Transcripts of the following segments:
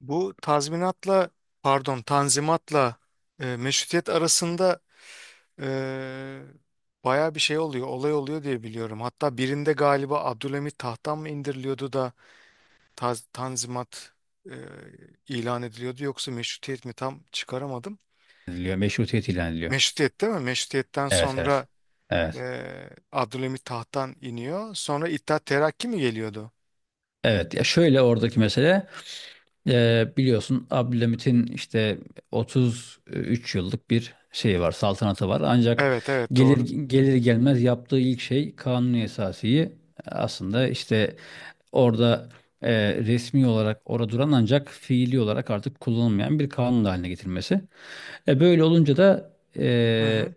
Bu tazminatla, pardon, tanzimatla meşrutiyet arasında e, baya bir şey oluyor, olay oluyor diye biliyorum. Hatta birinde galiba Abdülhamit tahttan mı indiriliyordu da tanzimat e, ilan ediliyordu yoksa meşrutiyet mi tam çıkaramadım. Ediliyor. Meşrutiyet ilan ediliyor. Meşrutiyet değil mi? Meşrutiyetten Evet, evet. sonra Evet. Abdülhamit tahttan iniyor. Sonra İttihat Terakki mi geliyordu? Evet, ya şöyle oradaki mesele, biliyorsun Abdülhamit'in işte 33 yıllık bir şeyi var, saltanatı var ancak Evet, evet, gelir doğru. gelir gelmez yaptığı ilk şey Kanuni Esasi'yi aslında işte orada, resmi olarak orada duran ancak fiili olarak artık kullanılmayan bir kanun haline getirmesi. Böyle olunca da Hı hı.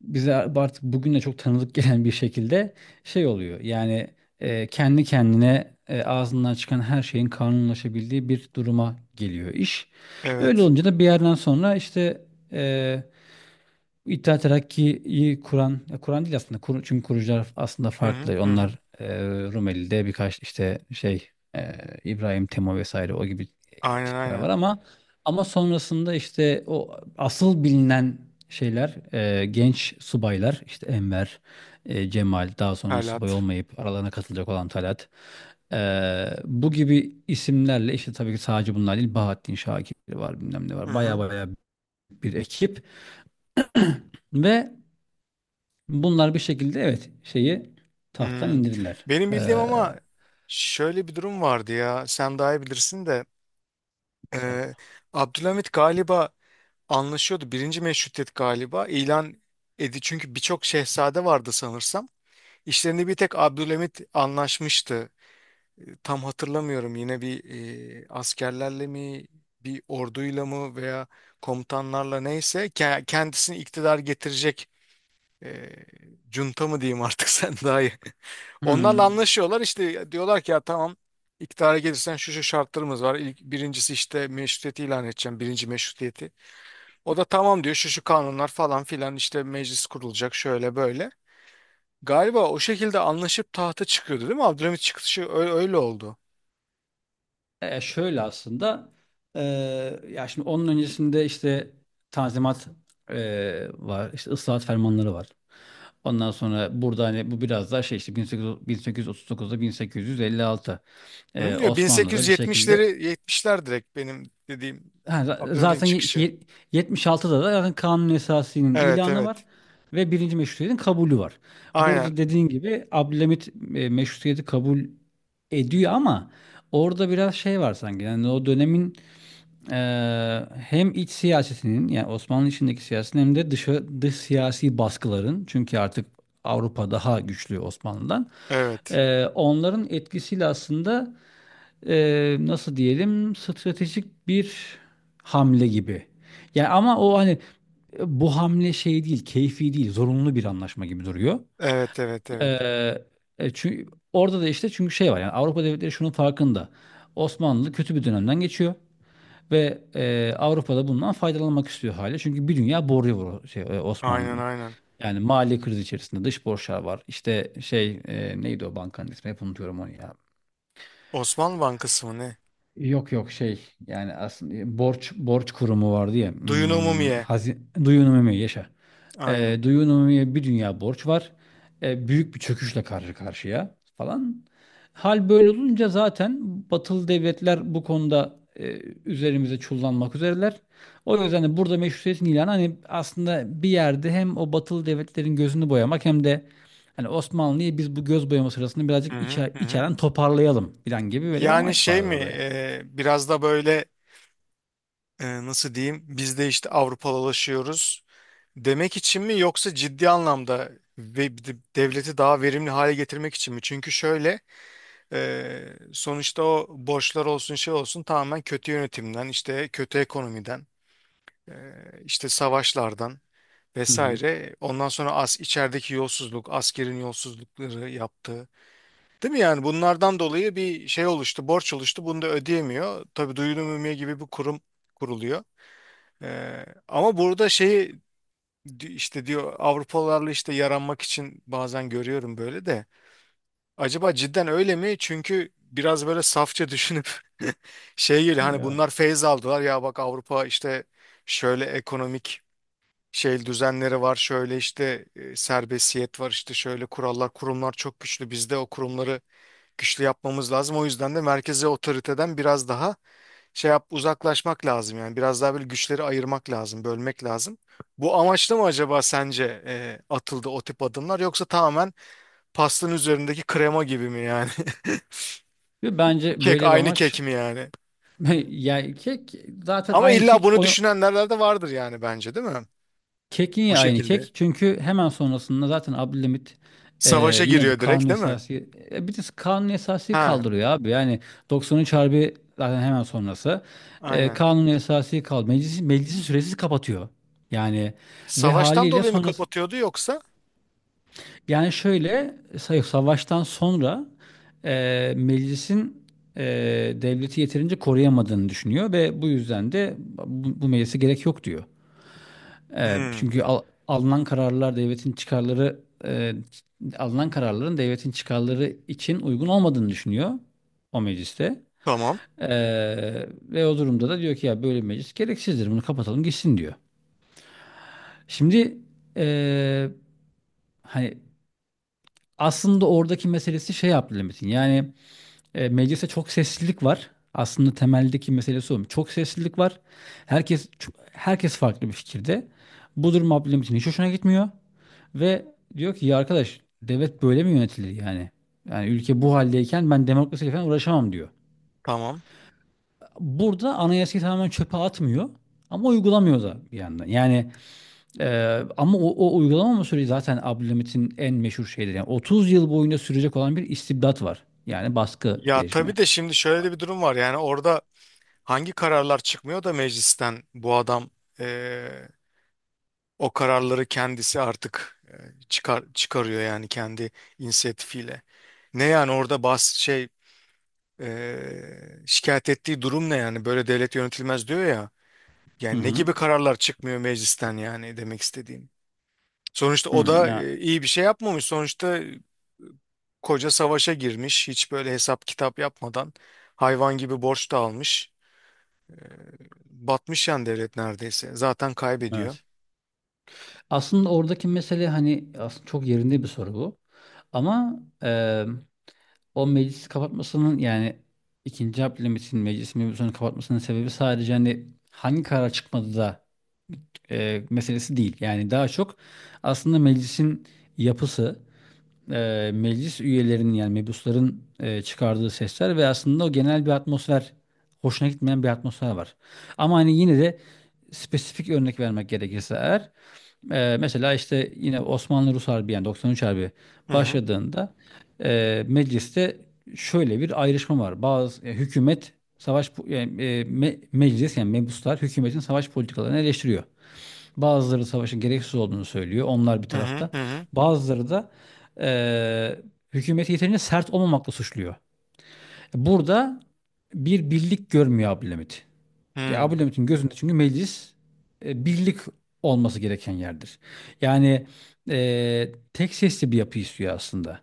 bize artık bugünle çok tanıdık gelen bir şekilde şey oluyor. Yani kendi kendine, ağzından çıkan her şeyin kanunlaşabildiği bir duruma geliyor iş. Öyle Evet. olunca da bir yerden sonra işte e, İttihat Terakki'yi kuran, ya kuran değil aslında. Kur, çünkü kurucular aslında Hı hı farklı. hı, hı. Onlar, Rumeli'de birkaç işte şey, e, İbrahim Temo vesaire o gibi, Aynen, tipler var aynen. ama sonrasında işte o asıl bilinen şeyler, genç subaylar işte Enver, Cemal, daha sonra subay Halat. olmayıp aralarına katılacak olan Talat. e, Bu gibi isimlerle işte, tabii ki sadece bunlar değil, Bahattin Şakir var, bilmem ne Hı var. Baya hı. baya bir ekip. Ve bunlar bir şekilde, evet, şeyi tahttan Hmm. indirdiler. Benim bildiğim ama şöyle bir durum vardı ya. Sen daha iyi bilirsin de. e, Estağfurullah. Abdülhamit galiba anlaşıyordu. Birinci Meşrutiyet galiba ilan edi. Çünkü birçok şehzade vardı sanırsam. İşlerini bir tek Abdülhamit anlaşmıştı. E, Tam hatırlamıyorum, yine bir askerlerle mi bir orduyla mı veya komutanlarla, neyse kendisini iktidar getirecek e, junta mı diyeyim artık. Sen daha iyi. Onlarla Hmm. anlaşıyorlar, işte diyorlar ki ya tamam, iktidara gelirsen şu şu şartlarımız var. İlk, birincisi, işte meşrutiyeti ilan edeceğim, birinci meşrutiyeti. O da tamam diyor, şu şu kanunlar falan filan, işte meclis kurulacak, şöyle böyle. Galiba o şekilde anlaşıp tahta çıkıyordu, değil mi? Abdülhamit çıkışı öyle, öyle oldu. Şöyle aslında, ee, ya şimdi onun öncesinde işte tanzimat var, işte ıslahat fermanları var. Ondan sonra burada hani bu biraz daha şey işte 1800, 1839'da, 1856, Hı? Ya Osmanlı'da bir şekilde. 1870'leri, 70'ler direkt benim dediğim Ha, Abdülhamit'in zaten çıkışı. 76'da da zaten kanun esasının Evet, ilanı var evet, ve birinci meşrutiyetin kabulü var. aynen, Burada dediğin gibi Abdülhamit meşrutiyeti kabul ediyor ama orada biraz şey var sanki. Yani o dönemin, e, hem iç siyasetinin, yani Osmanlı içindeki siyasetin, hem de dış siyasi baskıların, çünkü artık Avrupa daha güçlü Osmanlı'dan. evet. Onların etkisiyle aslında, nasıl diyelim, stratejik bir hamle gibi. Yani ama o hani bu hamle şey değil, keyfi değil, zorunlu bir anlaşma gibi duruyor. Evet, evet, evet. Çünkü orada da işte, çünkü şey var yani, Avrupa devletleri şunun farkında. Osmanlı kötü bir dönemden geçiyor ve Avrupa'da bundan faydalanmak istiyor hali. Çünkü bir dünya borcu var Aynen, Osmanlı'nın. aynen. Yani mali kriz içerisinde dış borçlar var. İşte şey, neydi o bankanın ismi? Hep unutuyorum onu ya. Osmanlı Bankası mı ne? Yok, yok, şey, yani aslında borç kurumu vardı ya, Duyun Umumiye. hazin duyunumumiye yaşa. Aynen. Duyunumumiye bir dünya borç var. Büyük bir çöküşle karşı karşıya falan. Hal böyle olunca zaten batılı devletler bu konuda üzerimize çullanmak üzereler. O yüzden de burada meşrutiyetin ilanı, hani aslında bir yerde, hem o batılı devletlerin gözünü boyamak hem de hani Osmanlı'yı biz bu göz boyama sırasında Hı birazcık hı, hı hı. içeren toparlayalım falan gibi, böyle bir Yani amaç şey vardı mi, orada yani. Biraz da böyle, nasıl diyeyim, biz de işte Avrupalılaşıyoruz demek için mi, yoksa ciddi anlamda ve devleti daha verimli hale getirmek için mi? Çünkü şöyle, sonuçta o borçlar olsun, şey olsun, tamamen kötü yönetimden, işte kötü ekonomiden, e, işte savaşlardan Hı hı. vesaire. Ondan sonra as içerideki yolsuzluk, askerin yolsuzlukları yaptığı. Değil mi yani, bunlardan dolayı bir şey oluştu, borç oluştu. Bunu da ödeyemiyor. Tabii duyuru mümkün gibi bir kurum kuruluyor. Ama burada şeyi, işte diyor, Avrupalılarla işte yaranmak için, bazen görüyorum böyle de. Acaba cidden öyle mi? Çünkü biraz böyle safça düşünüp şey geliyor, hani Ya. bunlar feyz aldılar ya, bak Avrupa işte şöyle ekonomik şey düzenleri var, şöyle işte serbestiyet var, işte şöyle kurallar, kurumlar çok güçlü, bizde o kurumları güçlü yapmamız lazım, o yüzden de merkezi otoriteden biraz daha şey yap, uzaklaşmak lazım, yani biraz daha böyle güçleri ayırmak lazım, bölmek lazım. Bu amaçla mı acaba sence atıldı o tip adımlar, yoksa tamamen pastanın üzerindeki krema gibi mi yani? Ve bence Kek, böyle bir aynı amaç. kek mi yani? Yani kek, zaten Ama aynı illa kek bunu onu, düşünenler de vardır yani, bence, değil mi? kek Bu niye aynı kek? şekilde Çünkü hemen sonrasında zaten Abdülhamit, e, savaşa yine bu giriyor kanun direkt, değil mi? esası, bir de kanun esası Ha, kaldırıyor abi. Yani 93 Harbi zaten hemen sonrası. Aynen. Kanun esası kaldı. Meclisi süresiz kapatıyor. Yani ve Savaştan haliyle, dolayı mı kapatıyordu yoksa? yani şöyle, savaştan sonra meclisin, e, devleti yeterince koruyamadığını düşünüyor ve bu yüzden de bu meclise gerek yok diyor. Hmm, Çünkü alınan kararlar devletin çıkarları, e, alınan kararların devletin çıkarları için uygun olmadığını düşünüyor o mecliste. tamam, E, Ve o durumda da diyor ki ya, böyle bir meclis gereksizdir, bunu kapatalım gitsin diyor. Şimdi e, hani aslında oradaki meselesi şey Abdülhamit'in yani. Mecliste çok seslilik var. Aslında temeldeki meselesi o. Çok seslilik var. Herkes farklı bir fikirde. Bu durum Abdülhamit'in hiç hoşuna gitmiyor ve diyor ki ya arkadaş, devlet böyle mi yönetilir yani? Yani ülke bu haldeyken ben demokrasiyle falan uğraşamam diyor. tamam. Burada anayasayı tamamen çöpe atmıyor ama uygulamıyor da bir yandan. Yani ama o uygulamama süreci zaten Abdülhamit'in en meşhur şeyleri. Yani 30 yıl boyunca sürecek olan bir istibdat var. Yani baskı Ya rejimi. tabii de şimdi şöyle de bir durum var. Yani orada hangi kararlar çıkmıyor da meclisten bu adam eee, o kararları kendisi artık çıkar çıkarıyor, yani kendi inisiyatifiyle. Ne yani orada bas şey, şikayet ettiği durum ne yani, böyle devlet yönetilmez diyor ya. Hı Yani ne hı. gibi kararlar çıkmıyor meclisten, yani demek istediğim. Sonuçta Hı. o da Ya, iyi bir şey yapmamış. Sonuçta koca savaşa girmiş. Hiç böyle hesap kitap yapmadan hayvan gibi borç da almış. Batmış yani devlet neredeyse. Zaten kaybediyor. evet. Aslında oradaki mesele hani aslında çok yerinde bir soru bu. Ama o meclisi kapatmasının yani ikinci Abdülhamit'in meclis mevzusunu kapatmasının sebebi sadece hani hangi karar çıkmadı da meselesi değil. Yani daha çok aslında meclisin yapısı, meclis üyelerinin yani mebusların çıkardığı sesler ve aslında o genel bir atmosfer, hoşuna gitmeyen bir atmosfer var. Ama hani yine de spesifik örnek vermek gerekirse eğer, mesela işte yine Osmanlı-Rus Harbi yani 93 Harbi Hı hı. başladığında mecliste şöyle bir ayrışma var. Bazı hükümet savaş yani, meclis yani mebuslar hükümetin savaş politikalarını eleştiriyor. Bazıları savaşın gereksiz olduğunu söylüyor. Onlar bir Hı hı. tarafta. Hı hı, Bazıları da e, hükümeti yeterince sert olmamakla suçluyor. Burada bir birlik görmüyor Abdülhamit. Ya Abu hı. Levit'in gözünde, çünkü meclis birlik olması gereken yerdir. Yani tek sesli bir yapı istiyor aslında.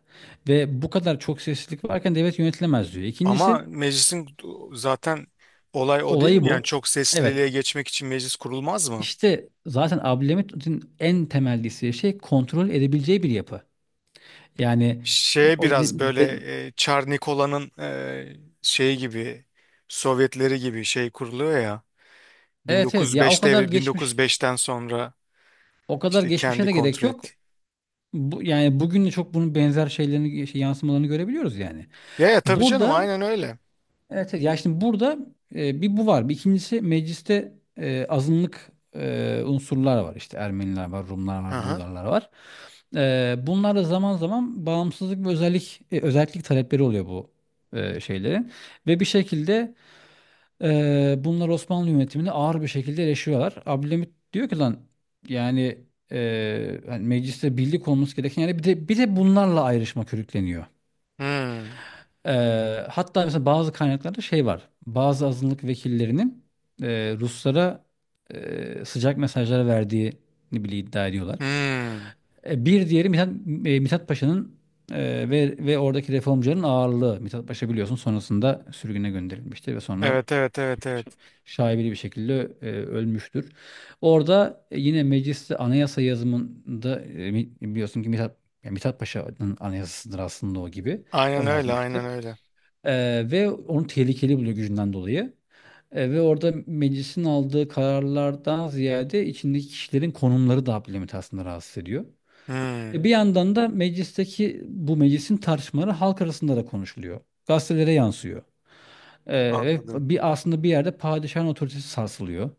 Ve bu kadar çok seslilik varken devlet yönetilemez diyor. Ama İkincisi meclisin zaten olay o değil olayı mi? Yani bu. çok Evet, sesliliğe geçmek için meclis kurulmaz mı? işte zaten Abdülhamit'in en temel desteği şey, kontrol edebileceği bir yapı. Yani Şeye o de- biraz böyle de- Çar Nikola'nın şeyi gibi, Sovyetleri gibi şey kuruluyor ya. evet, evet, ya, 1905 devri, 1905'ten sonra o kadar işte geçmişe kendi de gerek kontrol etti. yok. Bu, yani bugün de çok bunun benzer şeylerini yansımalarını görebiliyoruz yani. Ya ya, tabii canım, Burada. aynen öyle. Evet, evet. Ya şimdi burada bir bu var. Bir ikincisi mecliste azınlık unsurlar var. İşte Ermeniler var, Rumlar Hı var, hı. Bulgarlar var. Bunlar da zaman zaman bağımsızlık ve özellik talepleri oluyor bu şeylerin. Ve bir şekilde bunlar Osmanlı yönetimini ağır bir şekilde eleştiriyorlar. Abdülhamit diyor ki lan yani hani mecliste birlik olması gereken yani bir de bunlarla ayrışma körükleniyor. Hmm. Hatta mesela bazı kaynaklarda şey var. Bazı azınlık vekillerinin Ruslara sıcak mesajlar verdiğini bile iddia ediyorlar. Hmm. Bir diğeri Mithat, Mithat Paşa'nın ve oradaki reformcuların ağırlığı. Mithat Paşa biliyorsun sonrasında sürgüne gönderilmiştir ve sonra Evet, evet, evet, evet. şaibeli bir şekilde ölmüştür. Orada yine mecliste anayasa yazımında biliyorsun ki Mithat, yani Mithat Paşa'nın anayasasıdır aslında o gibi. O Aynen öyle, aynen yazmıştır. öyle. Ve onu tehlikeli buluyor gücünden dolayı. Ve orada meclisin aldığı kararlardan ziyade içindeki kişilerin konumları da Abdülhamit'i aslında rahatsız ediyor. Hmm. Bir yandan da meclisteki bu meclisin tartışmaları halk arasında da konuşuluyor. Gazetelere yansıyor. Ve Anladım. Aslında bir yerde padişahın otoritesi sarsılıyor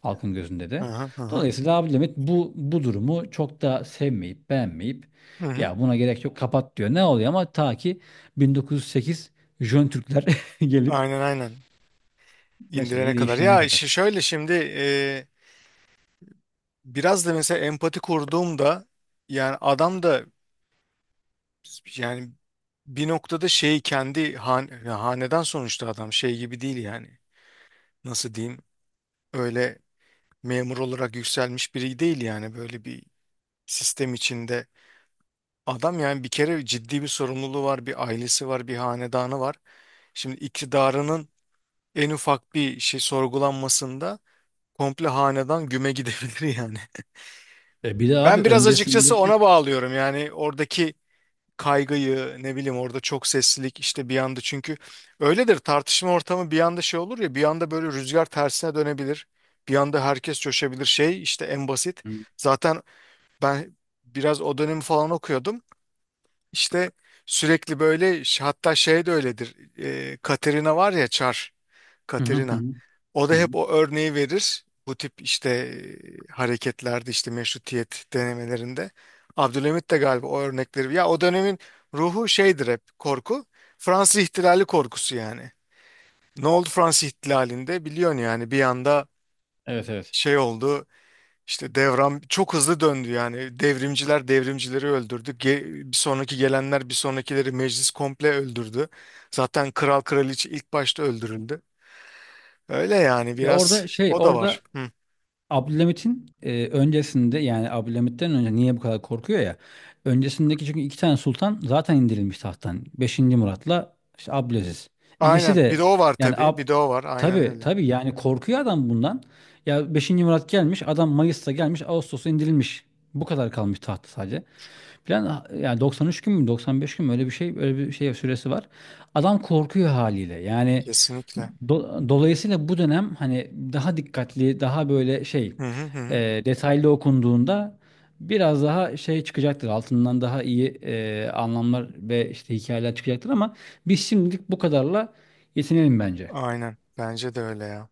halkın gözünde Hı de. hı hı hı. Dolayısıyla Abdülhamit bu durumu çok da sevmeyip beğenmeyip Hı hı. ya buna gerek yok kapat diyor. Ne oluyor ama ta ki 1908 Jön Türkler gelip Aynen, aynen. İndirene meseleyi kadar. değiştirene Ya işi kadar. şöyle şimdi, biraz da mesela empati kurduğumda, yani adam da, yani bir noktada şeyi kendi han, ya hanedan, sonuçta adam şey gibi değil yani. Nasıl diyeyim? Öyle memur olarak yükselmiş biri değil yani, böyle bir sistem içinde. Adam yani bir kere ciddi bir sorumluluğu var, bir ailesi var, bir hanedanı var. Şimdi iktidarının en ufak bir şey sorgulanmasında komple hanedan güme gidebilir yani. Bir de abi Ben biraz açıkçası ona öncesindeki. bağlıyorum, yani oradaki kaygıyı. Ne bileyim, orada çok seslilik işte bir anda, çünkü öyledir tartışma ortamı, bir anda şey olur ya, bir anda böyle rüzgar tersine dönebilir. Bir anda herkes coşabilir, şey işte, en basit. Zaten ben biraz o dönemi falan okuyordum. İşte sürekli böyle hatta şey de öyledir. Katerina var ya, Çar Hı hı hı. Katerina. O da Hı hı. hep o örneği verir. Bu tip işte hareketlerde, işte meşrutiyet denemelerinde. Abdülhamit de galiba o örnekleri. Ya o dönemin ruhu şeydir, hep korku. Fransız ihtilali korkusu yani. Ne oldu Fransız ihtilalinde biliyorsun yani, bir anda Evet, evet. şey oldu. İşte devran çok hızlı döndü yani. Devrimciler devrimcileri öldürdü. Ge- bir sonraki gelenler bir sonrakileri, meclis komple öldürdü. Zaten kral kraliçe ilk başta öldürüldü. Öyle yani, Ya biraz o da var. orada Hı. Abdülhamit'in öncesinde yani Abdülhamit'ten önce niye bu kadar korkuyor ya? Öncesindeki çünkü iki tane sultan zaten indirilmiş tahttan. Beşinci Murat'la işte Abdülaziz. İkisi Aynen, bir de de o var yani tabii. Bir de o var, aynen tabii öyle. tabii yani korkuyor adam bundan. Ya Beşinci Murat gelmiş adam Mayıs'ta gelmiş Ağustos'ta indirilmiş. Bu kadar kalmış tahtta sadece. Plan yani 93 gün mü 95 gün mü öyle bir şey süresi var. Adam korkuyor haliyle. Yani Kesinlikle. Dolayısıyla bu dönem hani daha dikkatli, daha böyle şey, Hı hı hı, hı. Detaylı okunduğunda biraz daha şey çıkacaktır. Altından daha iyi anlamlar ve işte hikayeler çıkacaktır ama biz şimdilik bu kadarla yetinelim bence. Aynen, bence de öyle ya.